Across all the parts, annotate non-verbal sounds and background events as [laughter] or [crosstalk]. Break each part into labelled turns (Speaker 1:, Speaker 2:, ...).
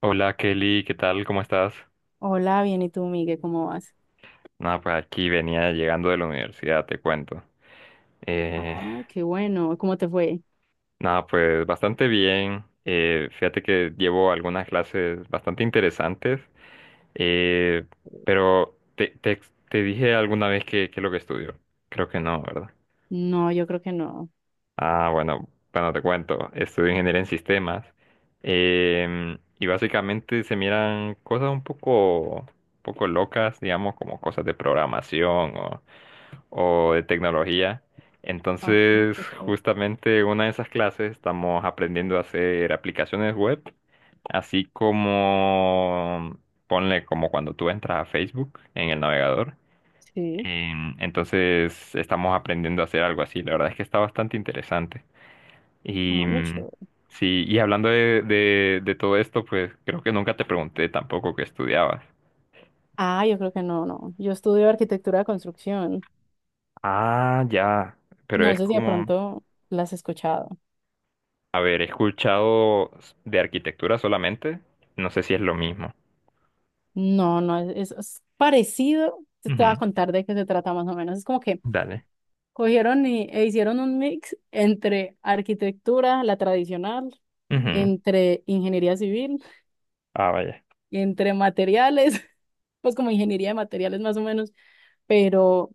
Speaker 1: Hola, Kelly, ¿qué tal? ¿Cómo estás?
Speaker 2: Hola, bien, ¿y tú, Miguel? ¿Cómo vas?
Speaker 1: Nada, pues aquí venía llegando de la universidad, te cuento. Eh,
Speaker 2: Ah, qué bueno. ¿Cómo te fue?
Speaker 1: Nada, pues bastante bien. Fíjate que llevo algunas clases bastante interesantes, eh, pero te dije alguna vez que es lo que estudio. Creo que no, ¿verdad?
Speaker 2: No, yo creo que no.
Speaker 1: Ah, bueno, bueno, te cuento. Estudio ingeniería en sistemas. Y básicamente se miran cosas un poco locas, digamos, como cosas de programación o de tecnología.
Speaker 2: Ah,
Speaker 1: Entonces,
Speaker 2: qué chévere.
Speaker 1: justamente una de esas clases estamos aprendiendo a hacer aplicaciones web, así como, ponle como cuando tú entras a Facebook en el navegador.
Speaker 2: Sí.
Speaker 1: Entonces, estamos aprendiendo a hacer algo así. La verdad es que está bastante interesante. Y
Speaker 2: Ah, muy chévere.
Speaker 1: sí, y hablando de todo esto, pues creo que nunca te pregunté tampoco qué estudiabas.
Speaker 2: Ah, yo creo que no, no. Yo estudio arquitectura de construcción.
Speaker 1: Ah, ya, pero
Speaker 2: No
Speaker 1: es
Speaker 2: sé si de
Speaker 1: como...
Speaker 2: pronto la has escuchado.
Speaker 1: A ver, he escuchado de arquitectura solamente. No sé si es lo mismo.
Speaker 2: No, no, es, es parecido. Te voy a
Speaker 1: Ujú.
Speaker 2: contar de qué se trata más o menos. Es como que
Speaker 1: Dale.
Speaker 2: cogieron y, e hicieron un mix entre arquitectura, la tradicional,
Speaker 1: Ujú.
Speaker 2: entre ingeniería civil,
Speaker 1: Ah, vaya.
Speaker 2: entre materiales, [laughs] pues como ingeniería de materiales más o menos pero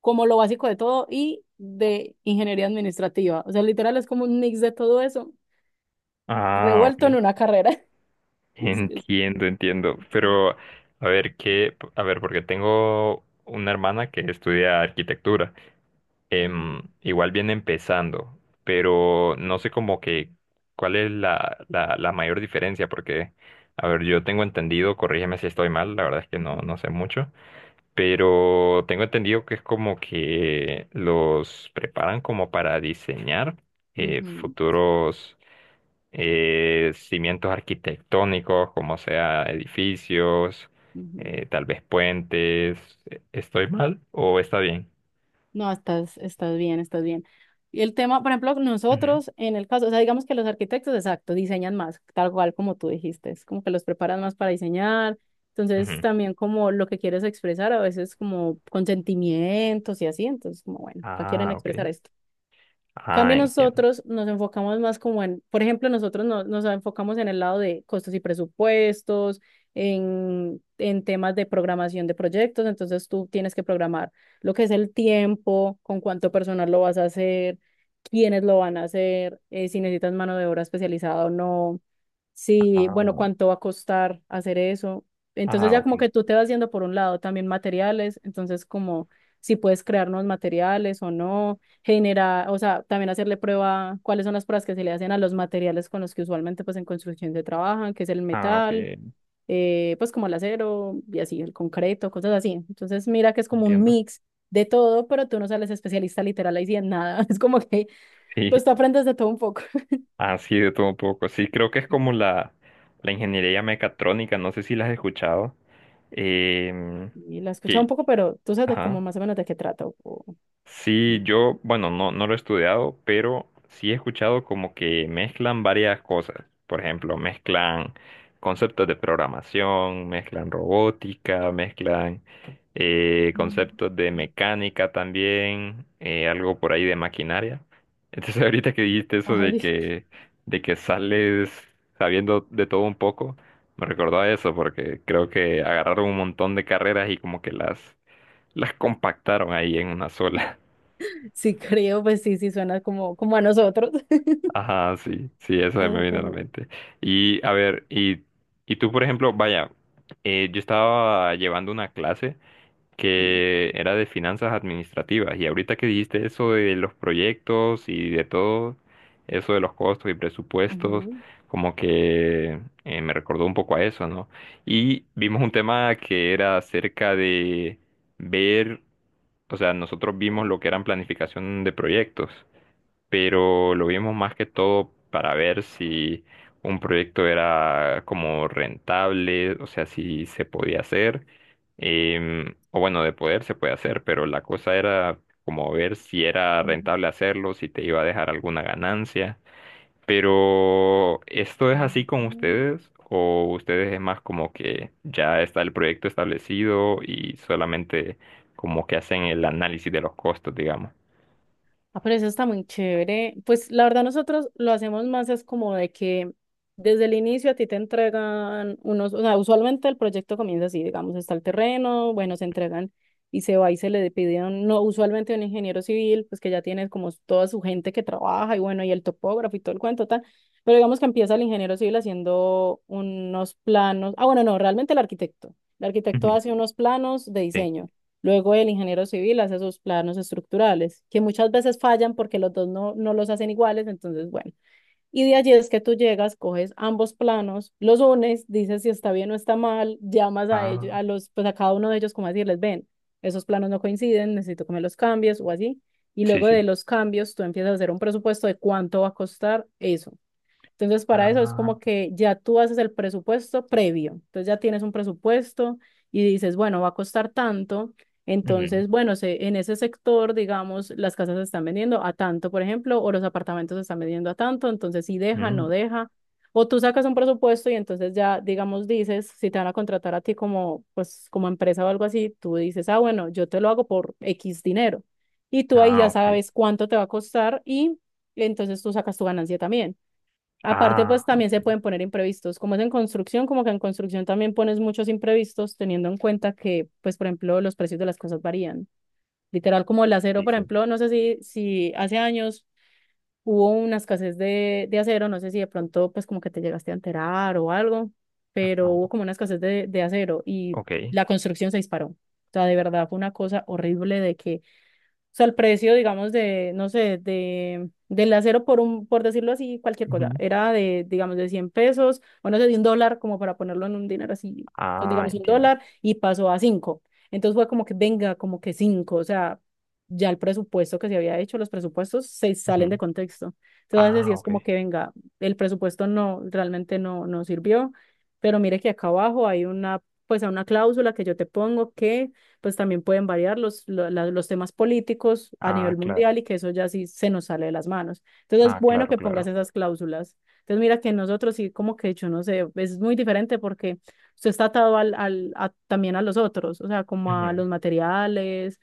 Speaker 2: como lo básico de todo y de ingeniería administrativa. O sea, literal es como un mix de todo eso,
Speaker 1: Ah, ok.
Speaker 2: revuelto en una carrera. [laughs] Es que es-
Speaker 1: Entiendo, entiendo.
Speaker 2: sí.
Speaker 1: Pero, a ver, qué, a ver, porque tengo una hermana que estudia arquitectura. Em,
Speaker 2: Ah,
Speaker 1: igual viene empezando, pero no
Speaker 2: bien.
Speaker 1: sé como que cuál es la mayor diferencia, porque, a ver, yo tengo entendido, corrígeme si estoy mal, la verdad es que
Speaker 2: Ujú,
Speaker 1: no sé mucho. Pero tengo entendido que es como que los preparan como para diseñar,
Speaker 2: ujú,
Speaker 1: futuros, cimientos arquitectónicos, como sea edificios,
Speaker 2: ujú.
Speaker 1: tal vez puentes. ¿Estoy mal o está bien?
Speaker 2: No, estás, estás bien, estás bien. Y el tema, por ejemplo,
Speaker 1: Ujú,
Speaker 2: nosotros en el caso, o sea, digamos que los arquitectos, exacto, diseñan más, tal cual como tú dijiste, es como que los preparan más para diseñar. Entonces,
Speaker 1: ujú.
Speaker 2: también como lo que quieres expresar, a veces como consentimientos y así, entonces como bueno, acá quieren
Speaker 1: Ah, ok.
Speaker 2: expresar esto.
Speaker 1: Ah,
Speaker 2: Cambio
Speaker 1: entiendo.
Speaker 2: nosotros nos enfocamos más como en, por ejemplo, nosotros nos enfocamos en el lado de costos y presupuestos, en temas de programación de proyectos, entonces tú tienes que programar lo que es el tiempo, con cuánto personal lo vas a hacer, quiénes lo van a hacer, si necesitas mano de obra especializada o no. Sí, bueno,
Speaker 1: Ah,
Speaker 2: ¿cuánto va a costar hacer eso? Entonces
Speaker 1: ah,
Speaker 2: ya como que
Speaker 1: ok.
Speaker 2: tú te vas yendo por un lado también materiales, entonces como si puedes crear nuevos materiales o no, generar, o sea, también hacerle prueba cuáles son las pruebas que se le hacen a los materiales con los que usualmente pues en construcción se trabajan, que es el
Speaker 1: Ah, ok.
Speaker 2: metal, pues como el acero y así, el concreto, cosas así. Entonces mira que es como un
Speaker 1: Entiendo. [laughs]
Speaker 2: mix de todo, pero tú no sales especialista literal ahí sí en nada, [laughs] es como que
Speaker 1: Sí,
Speaker 2: pues tú aprendes de todo un poco.
Speaker 1: así de todo un poco. Sí, creo que es como la ingeniería mecatrónica, no sé si la has escuchado. Em,
Speaker 2: Y la he escuchado un
Speaker 1: que,
Speaker 2: poco, pero tú sabes de cómo
Speaker 1: ajá.
Speaker 2: más o menos de qué trata.
Speaker 1: Sí, yo, bueno, no lo he estudiado, pero sí he escuchado como que mezclan varias cosas. Por ejemplo, mezclan conceptos de programación, mezclan robótica, mezclan, conceptos de mecánica también, algo por ahí de maquinaria. Entonces, [laughs] ahorita que dijiste eso
Speaker 2: Ay, [laughs]
Speaker 1: de que sales sabiendo de todo un poco, me recordó a eso porque creo que agarraron un montón de carreras y como que las compactaron ahí en una sola.
Speaker 2: sí creo, pues sí, sí suena como, como a nosotros. [laughs]
Speaker 1: Ajá, sí, sí, eso
Speaker 2: A
Speaker 1: me
Speaker 2: la
Speaker 1: viene a la mente. Y a ver, y tú, por ejemplo, vaya, yo estaba llevando una clase
Speaker 2: sí.
Speaker 1: que era de finanzas administrativas y ahorita que dijiste eso de los proyectos y de todo, eso de los costos y presupuestos,
Speaker 2: Ujú.
Speaker 1: como que, me recordó un poco a eso, ¿no? Y vimos un tema que era acerca de ver, o sea, nosotros vimos lo que eran planificación de proyectos, pero lo vimos más que todo para ver si un proyecto era como rentable, o sea, si se podía hacer, o bueno, de poder se puede hacer, pero la cosa era como ver si era
Speaker 2: Ujú.
Speaker 1: rentable hacerlo, si te iba a dejar alguna ganancia. Pero ¿esto
Speaker 2: Ah.
Speaker 1: es así con ustedes? ¿O ustedes es más como que ya está el proyecto establecido y solamente como que hacen el análisis de los costos, digamos?
Speaker 2: Ah, pero eso está muy chévere. Pues la verdad nosotros lo hacemos más es como de que desde el inicio a ti te entregan unos, o sea, usualmente el proyecto comienza así, digamos, está el terreno, bueno, se entregan y se va y se le pide, a no, usualmente a un ingeniero civil, pues que ya tiene como toda su gente que trabaja y bueno, y el topógrafo y todo el cuento tal, pero digamos que empieza el ingeniero civil haciendo unos planos, ah, bueno, no, realmente el arquitecto. El
Speaker 1: Ujú.
Speaker 2: arquitecto hace unos planos de
Speaker 1: Sí.
Speaker 2: diseño. Luego el ingeniero civil hace sus planos estructurales, que muchas veces fallan porque los dos no, no los hacen iguales, entonces bueno. Y de allí es que tú llegas, coges ambos planos, los unes, dices si está bien o está mal, llamas a ellos,
Speaker 1: Ah,
Speaker 2: a los, pues a cada uno de ellos como a decirles, ven, esos planos no coinciden, necesito que me los cambies o así. Y
Speaker 1: sí,
Speaker 2: luego de
Speaker 1: sí.
Speaker 2: los cambios tú empiezas a hacer un presupuesto de cuánto va a costar eso. Entonces, para eso es
Speaker 1: Ah,
Speaker 2: como que ya tú haces el presupuesto previo. Entonces, ya tienes un presupuesto y dices, bueno, va a costar tanto.
Speaker 1: ujú,
Speaker 2: Entonces, bueno, se, en ese sector, digamos, las casas se están vendiendo a tanto, por ejemplo, o los apartamentos se están vendiendo a tanto. Entonces, si deja,
Speaker 1: ujú.
Speaker 2: no deja. O tú sacas un presupuesto y entonces ya, digamos, dices, si te van a contratar a ti como, pues, como empresa o algo así, tú dices, ah, bueno, yo te lo hago por X dinero. Y tú ahí
Speaker 1: Ah,
Speaker 2: ya
Speaker 1: ok.
Speaker 2: sabes cuánto te va a costar y entonces tú sacas tu ganancia también. Aparte, pues
Speaker 1: Ah,
Speaker 2: también
Speaker 1: ok.
Speaker 2: se pueden poner imprevistos. Como es en construcción, como que en construcción también pones muchos imprevistos, teniendo en cuenta que, pues, por ejemplo, los precios de las cosas varían. Literal, como el acero,
Speaker 1: Sí,
Speaker 2: por
Speaker 1: sí.
Speaker 2: ejemplo, no sé si, si hace años hubo una escasez de acero, no sé si de pronto, pues, como que te llegaste a enterar o algo, pero hubo
Speaker 1: Ah,
Speaker 2: como una escasez de acero y
Speaker 1: ok.
Speaker 2: la construcción se disparó. O sea, de verdad fue una cosa horrible de que o sea, el precio, digamos, de, no sé, de, del acero por un, por decirlo así, cualquier cosa,
Speaker 1: Ujú.
Speaker 2: era de, digamos, de 100 pesos, o no sé, de un dólar, como para ponerlo en un dinero así, entonces,
Speaker 1: Ah,
Speaker 2: digamos, un
Speaker 1: entiendo.
Speaker 2: dólar, y pasó a cinco. Entonces fue como que, venga, como que cinco, o sea, ya el presupuesto que se había hecho, los presupuestos se
Speaker 1: Ujú.
Speaker 2: salen de contexto. Entonces, sí
Speaker 1: Ah,
Speaker 2: es
Speaker 1: ok.
Speaker 2: como que, venga, el presupuesto no, realmente no, no sirvió, pero mire que acá abajo hay una, pues, una cláusula que yo te pongo que pues también pueden variar los, los temas políticos a
Speaker 1: Ah,
Speaker 2: nivel
Speaker 1: claro.
Speaker 2: mundial y que eso ya sí se nos sale de las manos. Entonces es
Speaker 1: Ah,
Speaker 2: bueno
Speaker 1: claro,
Speaker 2: que pongas
Speaker 1: claro.
Speaker 2: esas cláusulas. Entonces mira que nosotros sí como que yo no sé, es muy diferente porque usted está atado al, al también a los otros, o sea, como a
Speaker 1: Ujú.
Speaker 2: los materiales,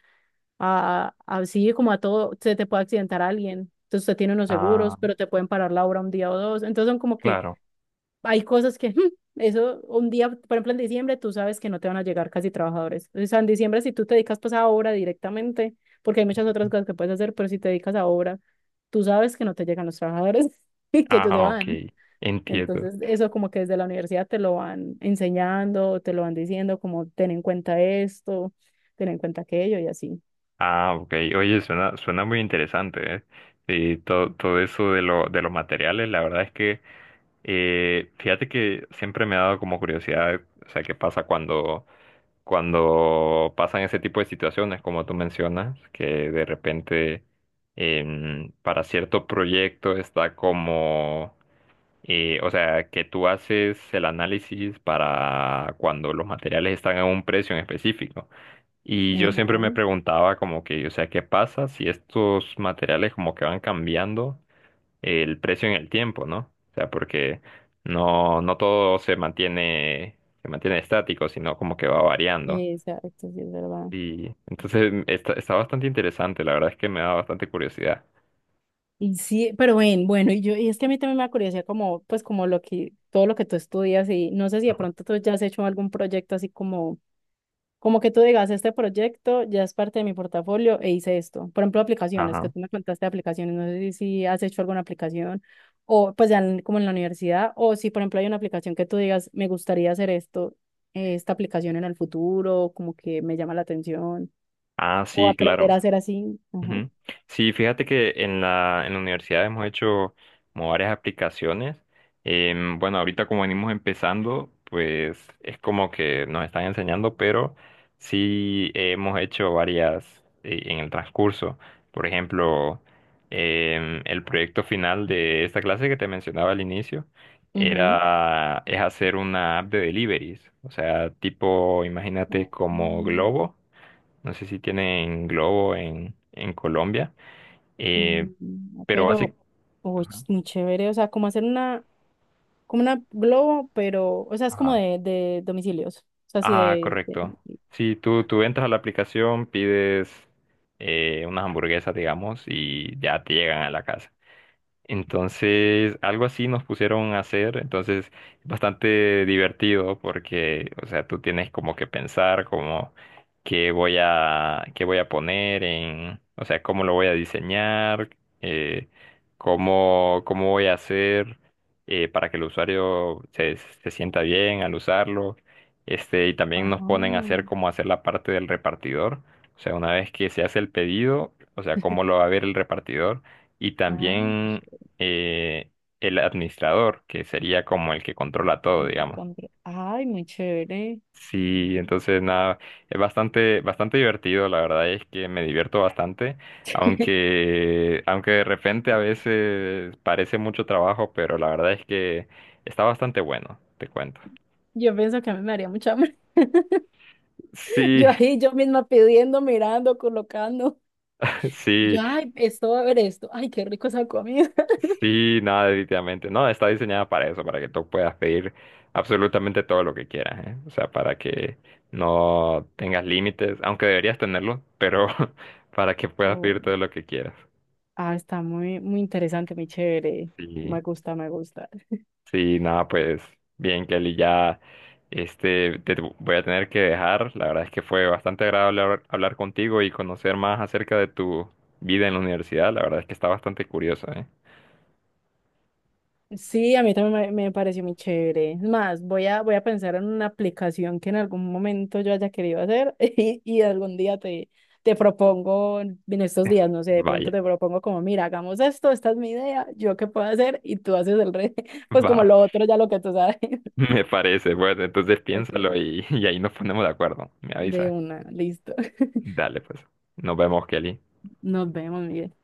Speaker 2: a sí, como a todo, se te puede accidentar alguien. Entonces usted tiene unos seguros,
Speaker 1: Ah,
Speaker 2: pero te pueden parar la obra un día o dos. Entonces son como que
Speaker 1: claro.
Speaker 2: hay cosas que, eso, un día, por ejemplo, en diciembre, tú sabes que no te van a llegar casi trabajadores. O sea, en diciembre, si tú te dedicas pues a obra directamente, porque hay muchas otras cosas que puedes hacer, pero si te dedicas a obra, tú sabes que no te llegan los trabajadores [laughs] y que ellos se
Speaker 1: Ah, ok.
Speaker 2: van.
Speaker 1: Entiendo.
Speaker 2: Entonces, eso como que desde la universidad te lo van enseñando, te lo van diciendo, como ten en cuenta esto, ten en cuenta aquello y así.
Speaker 1: Ah, ok. Oye, suena, suena muy interesante, ¿eh? Sí, todo, todo eso de lo, de los materiales, la verdad es que, fíjate que siempre me ha dado como curiosidad, o sea, qué pasa cuando cuando pasan ese tipo de situaciones, como tú mencionas, que de repente, para cierto proyecto está como, o sea, que tú haces el análisis para cuando los materiales están a un precio en específico. Y yo siempre
Speaker 2: Ajá,
Speaker 1: me preguntaba como que, o sea, ¿qué pasa si estos materiales como que van cambiando el precio en el tiempo, ¿no? O sea, porque no todo se mantiene estático, sino como que va variando.
Speaker 2: exacto, sí, es verdad.
Speaker 1: Y entonces está, está bastante interesante, la verdad es que me da bastante curiosidad.
Speaker 2: Y sí, pero ven, bueno, y yo, y es que a mí también me da curiosidad como, pues como lo que, todo lo que tú estudias y no sé si de
Speaker 1: Ajá.
Speaker 2: pronto tú ya has hecho algún proyecto así como, como que tú digas, este proyecto ya es parte de mi portafolio e hice esto. Por ejemplo, aplicaciones, que
Speaker 1: Ajá.
Speaker 2: tú me contaste de aplicaciones, no sé si, si has hecho alguna aplicación o pues ya como en la universidad o si por ejemplo hay una aplicación que tú digas, me gustaría hacer esto, esta aplicación en el futuro, como que me llama la atención
Speaker 1: Ah,
Speaker 2: o
Speaker 1: sí,
Speaker 2: aprender a
Speaker 1: claro.
Speaker 2: hacer así. Ajá.
Speaker 1: Ujú. Sí, fíjate que en en la universidad hemos hecho como varias aplicaciones. Em, bueno, ahorita como venimos empezando, pues es como que nos están enseñando, pero sí hemos hecho varias, en el transcurso. Por ejemplo, el proyecto final de esta clase que te mencionaba al inicio
Speaker 2: Ujú.
Speaker 1: es hacer una app de deliveries. O sea, tipo, imagínate
Speaker 2: Oh.
Speaker 1: como Globo, no sé si tiene en Globo en Colombia. eh,
Speaker 2: Mm,
Speaker 1: pero
Speaker 2: pero,
Speaker 1: básicamente...
Speaker 2: uy, es muy chévere, o sea, como hacer una, como una globo, pero, o sea, es como
Speaker 1: Ajá.
Speaker 2: de domicilios, o sea, así
Speaker 1: Ah,
Speaker 2: de,
Speaker 1: correcto. Sí, tú entras a la aplicación, pides, unas hamburguesas, digamos, y ya te llegan a la casa. Entonces, algo así nos pusieron a hacer, entonces bastante divertido porque, o sea, tú tienes como que pensar como qué voy a poner en, o sea, cómo lo voy a diseñar, eh, cómo cómo voy a hacer, para que el usuario se sienta bien al usarlo. Este, y también
Speaker 2: Ah,
Speaker 1: nos ponen a hacer como hacer la parte del repartidor, o sea, una vez que se hace el pedido, o sea, cómo lo va a ver el repartidor. Y
Speaker 2: ah, qué
Speaker 1: también,
Speaker 2: chévere,
Speaker 1: eh, el administrador, que sería como el que controla todo,
Speaker 2: ay,
Speaker 1: digamos.
Speaker 2: ay, muy chévere.
Speaker 1: Sí, entonces nada, es bastante, bastante divertido, la verdad es que me divierto bastante,
Speaker 2: [laughs]
Speaker 1: aunque, aunque de repente a veces parece mucho trabajo, pero la verdad es que está bastante bueno, te cuento.
Speaker 2: Yo pienso que a mí me haría mucha hambre. [laughs]
Speaker 1: Sí,
Speaker 2: Yo ahí, yo misma pidiendo, mirando, colocando.
Speaker 1: [laughs]
Speaker 2: Y
Speaker 1: sí,
Speaker 2: yo, ay, esto va a ver esto. Ay, qué rico esa comida. [laughs]
Speaker 1: sí, no, definitivamente. No, está diseñada para eso, para que tú puedas pedir absolutamente todo lo que quieras, ¿eh? O sea, para que no tengas límites, aunque deberías tenerlo, pero [laughs] para que puedas pedir
Speaker 2: Oh,
Speaker 1: todo lo que quieras.
Speaker 2: ah, está muy, muy interesante, muy chévere.
Speaker 1: Sí,
Speaker 2: Me gusta, me gusta.
Speaker 1: sí, nada, pues bien, Kelly, ya este, te voy a tener que dejar. La verdad es que fue bastante agradable hablar, hablar contigo y conocer más acerca de tu vida en la universidad. La verdad es que está bastante curioso, ¿eh?
Speaker 2: Sí, a mí también me pareció muy chévere. Es más, voy a, voy a pensar en una aplicación que en algún momento yo haya querido hacer [laughs] y algún día te, te propongo, en estos días, no sé, de pronto
Speaker 1: Vaya,
Speaker 2: te propongo como, mira, hagamos esto, esta es mi idea, yo qué puedo hacer y tú haces el resto, [laughs]
Speaker 1: [laughs]
Speaker 2: pues como
Speaker 1: va.
Speaker 2: lo otro ya lo que tú sabes.
Speaker 1: [laughs]
Speaker 2: [laughs]
Speaker 1: Me parece, pues entonces
Speaker 2: Está
Speaker 1: piénsalo
Speaker 2: chévere.
Speaker 1: y, [laughs] y ahí nos ponemos de acuerdo. Me
Speaker 2: De
Speaker 1: avisa.
Speaker 2: una, listo. [laughs]
Speaker 1: Dale, pues. Nos vemos, Kelly.
Speaker 2: Nos vemos, Miguel.